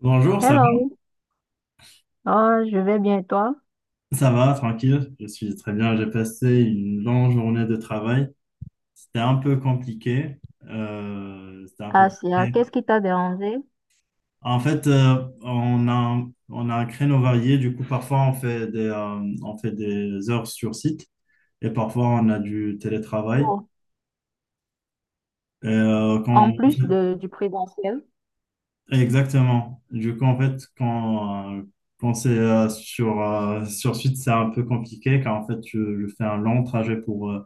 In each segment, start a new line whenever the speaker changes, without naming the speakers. Bonjour, ça va?
Hello, oh, je vais bien et toi?
Ça va, tranquille. Je suis très bien. J'ai passé une longue journée de travail. C'était un peu compliqué. C'était un peu
Asia,
compliqué.
qu'est-ce qui t'a dérangé?
En fait, on a un créneau varié. Du coup, parfois, on fait des heures sur site et parfois, on a du télétravail.
Oh,
Et, euh, quand,
en plus du présentiel,
Exactement. Du coup, en fait, quand c'est sur site, c'est un peu compliqué car en fait, je fais un long trajet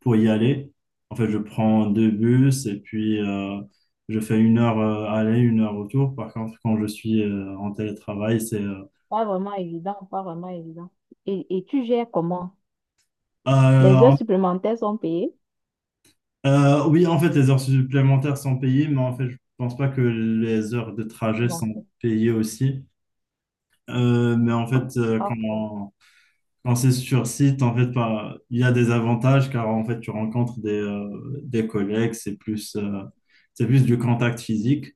pour y aller. En fait, je prends deux bus et puis je fais une heure aller, une heure retour. Par contre, quand je suis en télétravail, c'est.
pas vraiment évident, pas vraiment évident. Et tu gères comment? Les heures
Euh,
supplémentaires sont payées?
oui, en fait, les heures supplémentaires sont payées, mais en fait, je pense pas que les heures de trajet
Bon,
sont
c'est
payées aussi. Euh, mais en fait, euh,
pas faux.
quand, quand c'est sur site, en fait, il y a des avantages car en fait, tu rencontres des collègues, c'est plus du contact physique.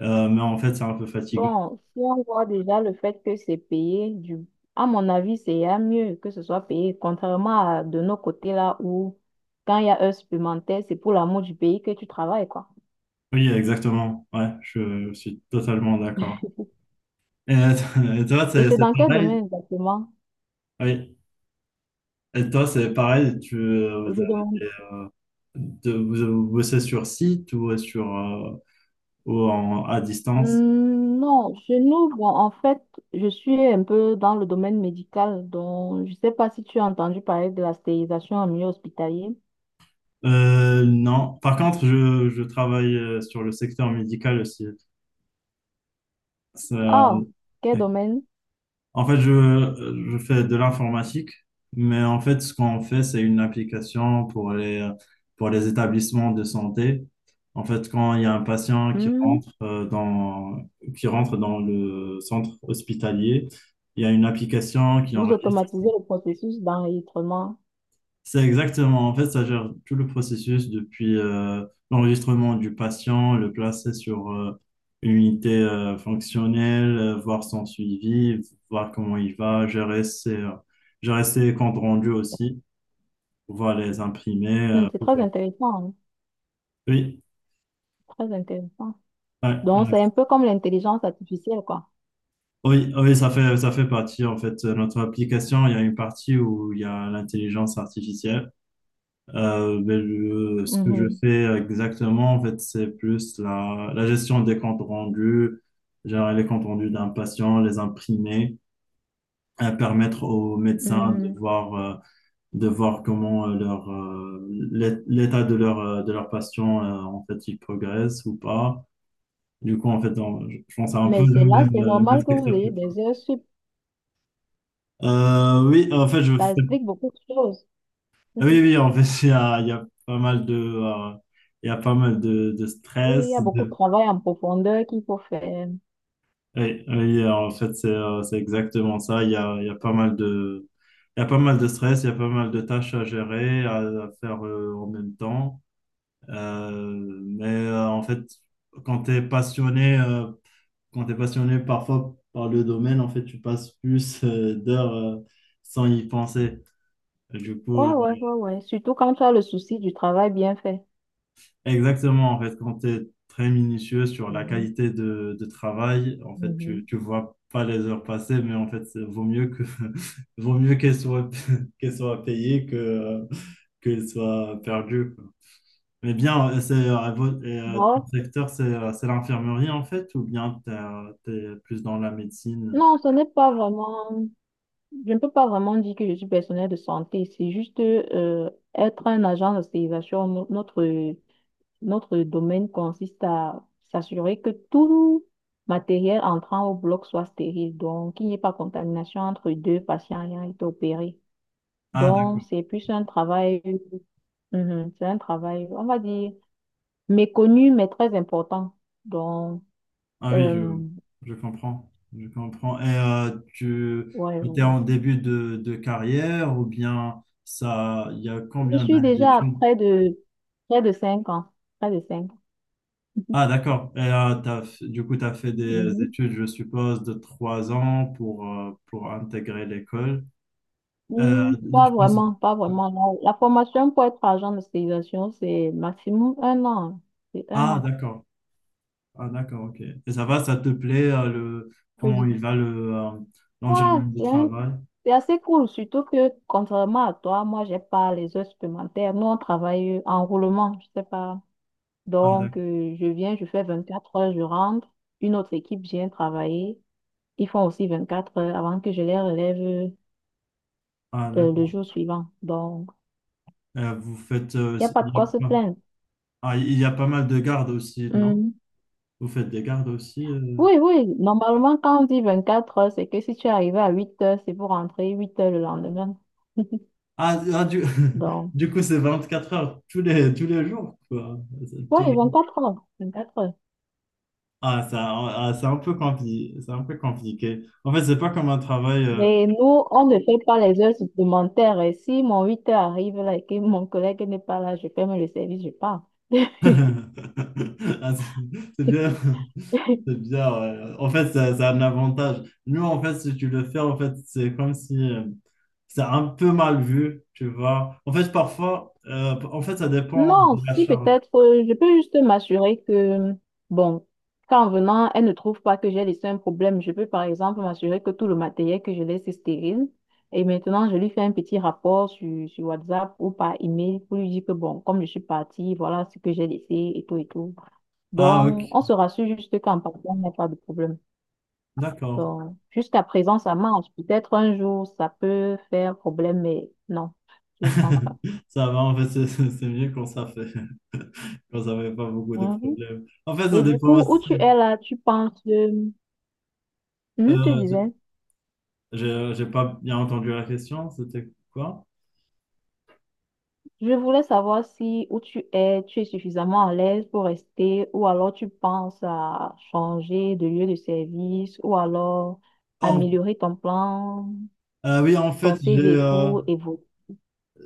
Mais en fait, c'est un peu fatigant.
Bon, si on voit déjà le fait que c'est payé. À mon avis, c'est à mieux que ce soit payé, contrairement à de nos côtés là où quand il y a heures supplémentaires, c'est pour l'amour du pays que tu travailles, quoi.
Oui, exactement. Ouais, je suis totalement d'accord. Et, et toi,
Et
c'est
c'est
c'est
dans quel
pareil?
domaine exactement?
Oui. Et toi, c'est pareil,
Je
vous avez
demande.
vous bossez sur site ou sur ou en, à distance?
Non, chez nous, bon, en fait, je suis un peu dans le domaine médical, donc je ne sais pas si tu as entendu parler de la stérilisation en milieu hospitalier.
Non. Par contre, je travaille sur le secteur médical aussi. Ça,
Ah, quel domaine?
En fait, je fais de l'informatique, mais en fait, ce qu'on fait, c'est une application pour les établissements de santé. En fait, quand il y a un patient qui
Hmm,
rentre, qui rentre dans le centre hospitalier, il y a une application qui
Vous
enregistre.
automatisez le processus d'enregistrement.
C'est exactement. En fait, ça gère tout le processus depuis l'enregistrement du patient, le placer sur une unité fonctionnelle, voir son suivi, voir comment il va, gérer ses comptes rendus aussi, pouvoir les imprimer.
C'est très intéressant, hein,
Oui.
très intéressant.
Ouais,
Donc, c'est
ouais.
un peu comme l'intelligence artificielle, quoi.
Oui, oui, ça fait partie, en fait, de notre application. Il y a une partie où il y a l'intelligence artificielle. Euh, ben, ce que je
Mhm,
fais exactement, en fait, c'est plus la gestion des comptes rendus, gérer les comptes rendus d'un patient, les imprimer, permettre aux médecins
mhm.
de voir comment l'état de leur patient, en fait, il progresse ou pas. Du coup, en fait, je pense à un peu
Mais
le
c'est là,
même,
c'est
le même
normal que vous
secteur que
ayez
toi.
des heures sup.
Oui, en fait, je
Ça
fais.
explique beaucoup de choses.
Oui, oui, en fait, il y a pas mal de. Il y a pas mal de
Oui, il y
stress,
a beaucoup de
de.
travail en profondeur qu'il faut faire.
Oui, oui, en fait, c'est exactement ça. Il y a pas mal de, il y a pas mal de stress, il y a pas mal de tâches à gérer, à faire en même temps. En fait, quand tu es passionné, quand tu passionné parfois par le domaine, en fait, tu passes plus d'heures sans y penser. Du
Ouais,
coup,
ouais, ouais, ouais. Surtout quand tu as le souci du travail bien fait.
Exactement, en fait, quand tu es très minutieux sur la
Mhm,
qualité de travail, en fait, tu
mhm.
ne vois pas les heures passer, mais en fait, vaut mieux que vaut mieux qu'elles soient qu'elles soient payées que qu'elles soient perdues, quoi. Mais bien, ton
Bon,
secteur, c'est l'infirmerie en fait, ou bien tu es plus dans la médecine?
non, ce n'est pas vraiment. Je ne peux pas vraiment dire que je suis personnel de santé. C'est juste être un agent d'hospitalisation. Notre domaine consiste à s'assurer que tout matériel entrant au bloc soit stérile. Donc, qu'il n'y ait pas contamination entre deux patients ayant été opérés.
Ah, d'accord.
Donc, c'est plus un travail. Mhm, c'est un travail, on va dire méconnu, mais très important. Donc,
Ah oui,
euh,
je comprends. Je comprends. Et tu
ouais,
étais
ouais.
en début de carrière ou bien ça, il y a
Je
combien
suis
d'années
déjà à
d'études?
près de 5 ans. Près de 5 ans.
Ah, d'accord. Du coup, tu as fait des
Mhm.
études, je suppose, de 3 ans pour intégrer l'école. Euh,
Hmm, pas
je pense.
vraiment, pas vraiment. La formation pour être agent de stérilisation, c'est maximum un an. C'est un
Ah,
an.
d'accord. Ah, d'accord, ok. Et ça va, ça te plaît,
Je
comment
dis.
il va le,
Ouais,
l'environnement de
c'est un-
travail?
c'est assez cool, surtout que contrairement à toi, moi, j'ai pas les heures supplémentaires. Nous, on travaille en roulement, je sais pas.
Ah,
Donc,
d'accord.
je viens, je fais 24 heures, je rentre. Une autre équipe vient travailler. Ils font aussi 24 heures avant que je les relève
Ah,
le
d'accord.
jour suivant. Donc,
Euh, vous faites... euh,
il n'y a pas de quoi se plaindre.
Ah, il y a pas mal de gardes aussi, non?
Hum,
Vous faites des gardes aussi
Oui, oui. Normalement, quand on dit 24 heures, c'est que si tu es arrivé à 8 heures, c'est pour rentrer 8 heures le lendemain.
Ah, ah,
Donc,
du coup, c'est 24 heures tous les jours, quoi. C'est-
oui,
tu-
4 heures. 24 heures.
Ah, ça, ah, c'est un peu compliqué. C'est un peu compliqué. En fait, c'est pas comme un travail.
Mais nous, on ne fait pas les heures supplémentaires. Et si mon 8 heures arrive là et que mon collègue n'est pas là, je ferme le service, je pars.
Ah, c'est bien. C'est bien, ouais. En fait, ça a un avantage. Nous, en fait, si tu le fais, en fait, c'est comme si c'est un peu mal vu, tu vois. En fait, parfois, en fait, ça dépend
Non,
de la
si
charge.
peut-être, je peux juste m'assurer que, bon, qu'en venant, elle ne trouve pas que j'ai laissé un problème. Je peux par exemple m'assurer que tout le matériel que je laisse est stérile. Et maintenant, je lui fais un petit rapport sur, sur WhatsApp ou par email pour lui dire que, bon, comme je suis partie, voilà ce que j'ai laissé et tout et tout.
Ah,
Donc,
ok,
on se rassure juste qu'en partant, il n'y a pas de problème.
d'accord.
Donc, jusqu'à présent, ça marche. Peut-être un jour, ça peut faire problème, mais non, je ne pense pas.
Ça va, en fait, c'est mieux quand ça fait, quand ça fait pas beaucoup de problèmes. En fait, ça
Et du
dépend
coup, où
aussi.
tu es là, tu penses,
Euh,
tu
je-
disais,
j'ai pas bien entendu la question, c'était quoi?
je voulais savoir si où tu es suffisamment à l'aise pour rester, ou alors tu penses à changer de lieu de service, ou alors
En-
améliorer ton plan,
oui, en
ton
fait,
CV pour évoluer.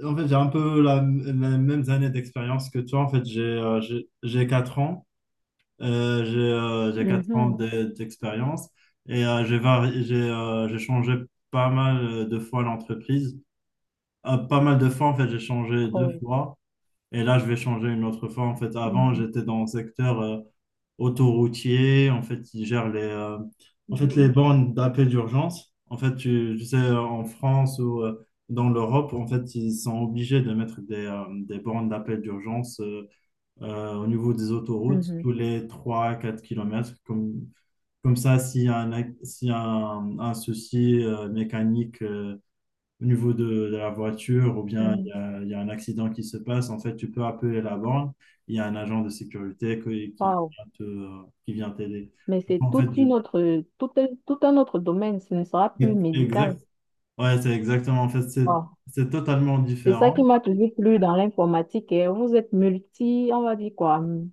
j'ai un peu les mêmes années d'expérience que toi. En fait, j'ai 4 ans, j'ai 4 ans
Mhm.
d'expérience et j'ai vari- j'ai changé pas mal de fois l'entreprise. Pas mal de fois, en fait, j'ai changé deux
Oh.
fois. Et là, je vais changer une autre fois. En fait, avant,
Mhm.
j'étais dans le secteur autoroutier. En fait, ils gèrent les
Mhm.
bornes d'appel d'urgence. En fait, tu sais, en France ou dans l'Europe, en fait, ils sont obligés de mettre des bornes d'appel d'urgence au niveau des autoroutes
Mhm.
tous les 3 quatre kilomètres. Comme ça, s'il y a un, ac- s'il y a un souci mécanique, au niveau de la voiture ou bien il y
Mhm.
a, il y a un accident qui se passe, en fait, tu peux appeler la borne. Il y a un agent de sécurité qui
Wow.
vient qui vient t'aider.
Mais c'est
En fait,
toute une
du-
autre, tout un autre domaine, ce ne sera plus
exact.
médical.
Ouais, c'est exactement. En fait, c'est
Wow.
c'est totalement
C'est ça qui
différent.
m'a toujours plu dans l'informatique, hein. Vous êtes multi, on va dire quoi?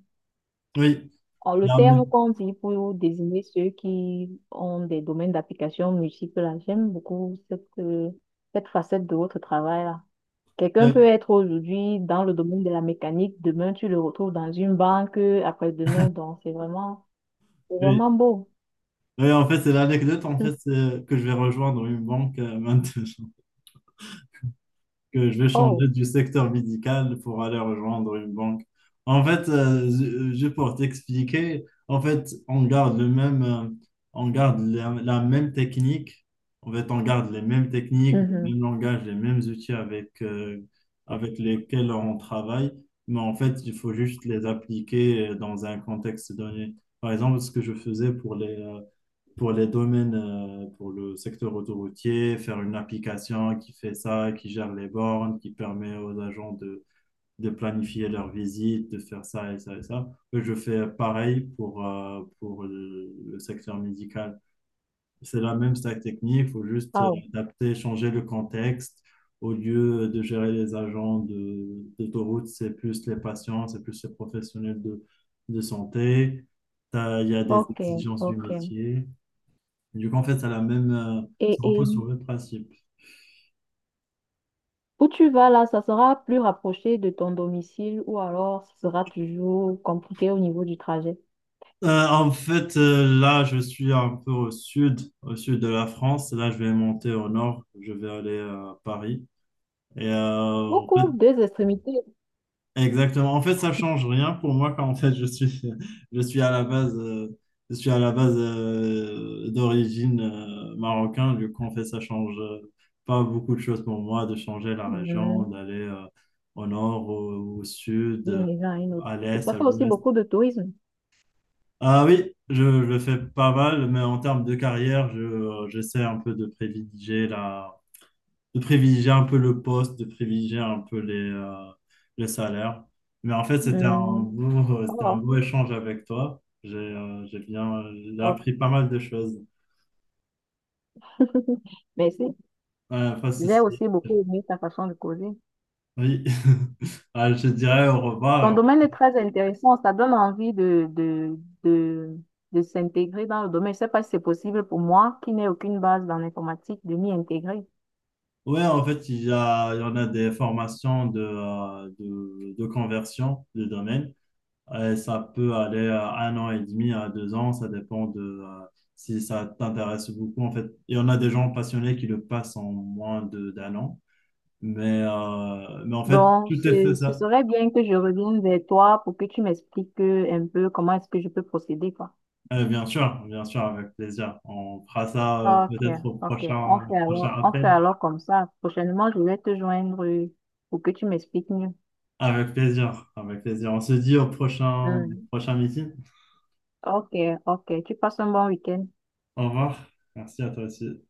Oui. Il
Le
y a un mé-
terme qu'on dit pour désigner ceux qui ont des domaines d'application multiples, là. J'aime beaucoup cette facette de votre travail là. Quelqu'un peut
euh,
être aujourd'hui dans le domaine de la mécanique, demain tu le retrouves dans une banque, après-demain, donc c'est vraiment, c'est
oui.
vraiment beau.
Oui, en fait, c'est l'anecdote en
Hum.
fait, c'est que je vais rejoindre une banque maintenant, que je vais
Oh,
changer du secteur médical pour aller rejoindre une banque. En fait, juste pour t'expliquer, en fait, on garde le même, on garde la, la même technique. En fait, on garde les mêmes techniques, les
mhm.
mêmes langages, les mêmes outils avec lesquels on travaille. Mais en fait, il faut juste les appliquer dans un contexte donné. Par exemple, ce que je faisais pour les domaines, pour le secteur autoroutier, faire une application qui fait ça, qui gère les bornes, qui permet aux agents de, planifier leurs visites, de faire ça et ça et ça. Je fais pareil pour le secteur médical. C'est la même stack technique, il faut juste
Oh,
adapter, changer le contexte. Au lieu de gérer les agents d'autoroute, c'est plus les patients, c'est plus les professionnels de santé. Il y a des
ok,
exigences du
ok.
métier. Du coup, en fait, ça a
Et,
ça
et
repose sur le même principe.
où tu vas là, ça sera plus rapproché de ton domicile ou alors ce sera toujours compliqué au niveau du trajet.
En fait, là, je suis un peu au sud de la France. Là, je vais monter au nord. Je vais aller à Paris. Et en fait,
Beaucoup, deux extrémités.
exactement. En fait, ça change rien pour moi quand en fait je suis, je suis à la base, je suis à la base d'origine marocain. Du coup, en fait, ça change pas beaucoup de choses pour moi de changer la région,
Mhm.
d'aller au nord, au sud,
D'une région à une autre.
à
Il
l'est,
ça
à
fait aussi
l'ouest.
beaucoup de tourisme.
Ah oui, je le fais pas mal, mais en termes de carrière, j'essaie un peu de privilégier de privilégier un peu le poste, de privilégier un peu les salaires. Mais en fait, c'était un
Mhm.
beau, c'était un
Oh,
beau échange avec toi. J'ai
oh.
appris pas mal de choses.
Mais si,
Ouais, pas de
j'ai
souci.
aussi beaucoup aimé ta façon de causer.
Oui, Ah, je te dirais au
Ton
revoir.
domaine est très intéressant, ça donne envie de, de s'intégrer dans le domaine. Je ne sais pas si c'est possible pour moi, qui n'ai aucune base dans l'informatique, de m'y intégrer.
Ouais, en fait, il y en a des formations de conversion de domaine. Et ça peut aller à 1 an et demi, à 2 ans, ça dépend de si ça t'intéresse beaucoup en fait. Et on a des gens passionnés qui le passent en moins de d'1 an, en fait,
Donc,
tout est
ce,
fait
ce
ça.
serait bien que je revienne vers toi pour que tu m'expliques un peu comment est-ce que je peux procéder, quoi.
Bien sûr, avec plaisir. On fera ça
Ok,
peut-être au
ok. On
prochain,
fait
prochain
alors, on fait
appel.
alors comme ça. Prochainement, je vais te joindre pour que tu m'expliques mieux.
Avec plaisir, avec plaisir. On se dit au prochain,
Hmm.
prochain meeting.
Ok, ok. Tu passes un bon week-end.
Au revoir. Merci à toi aussi.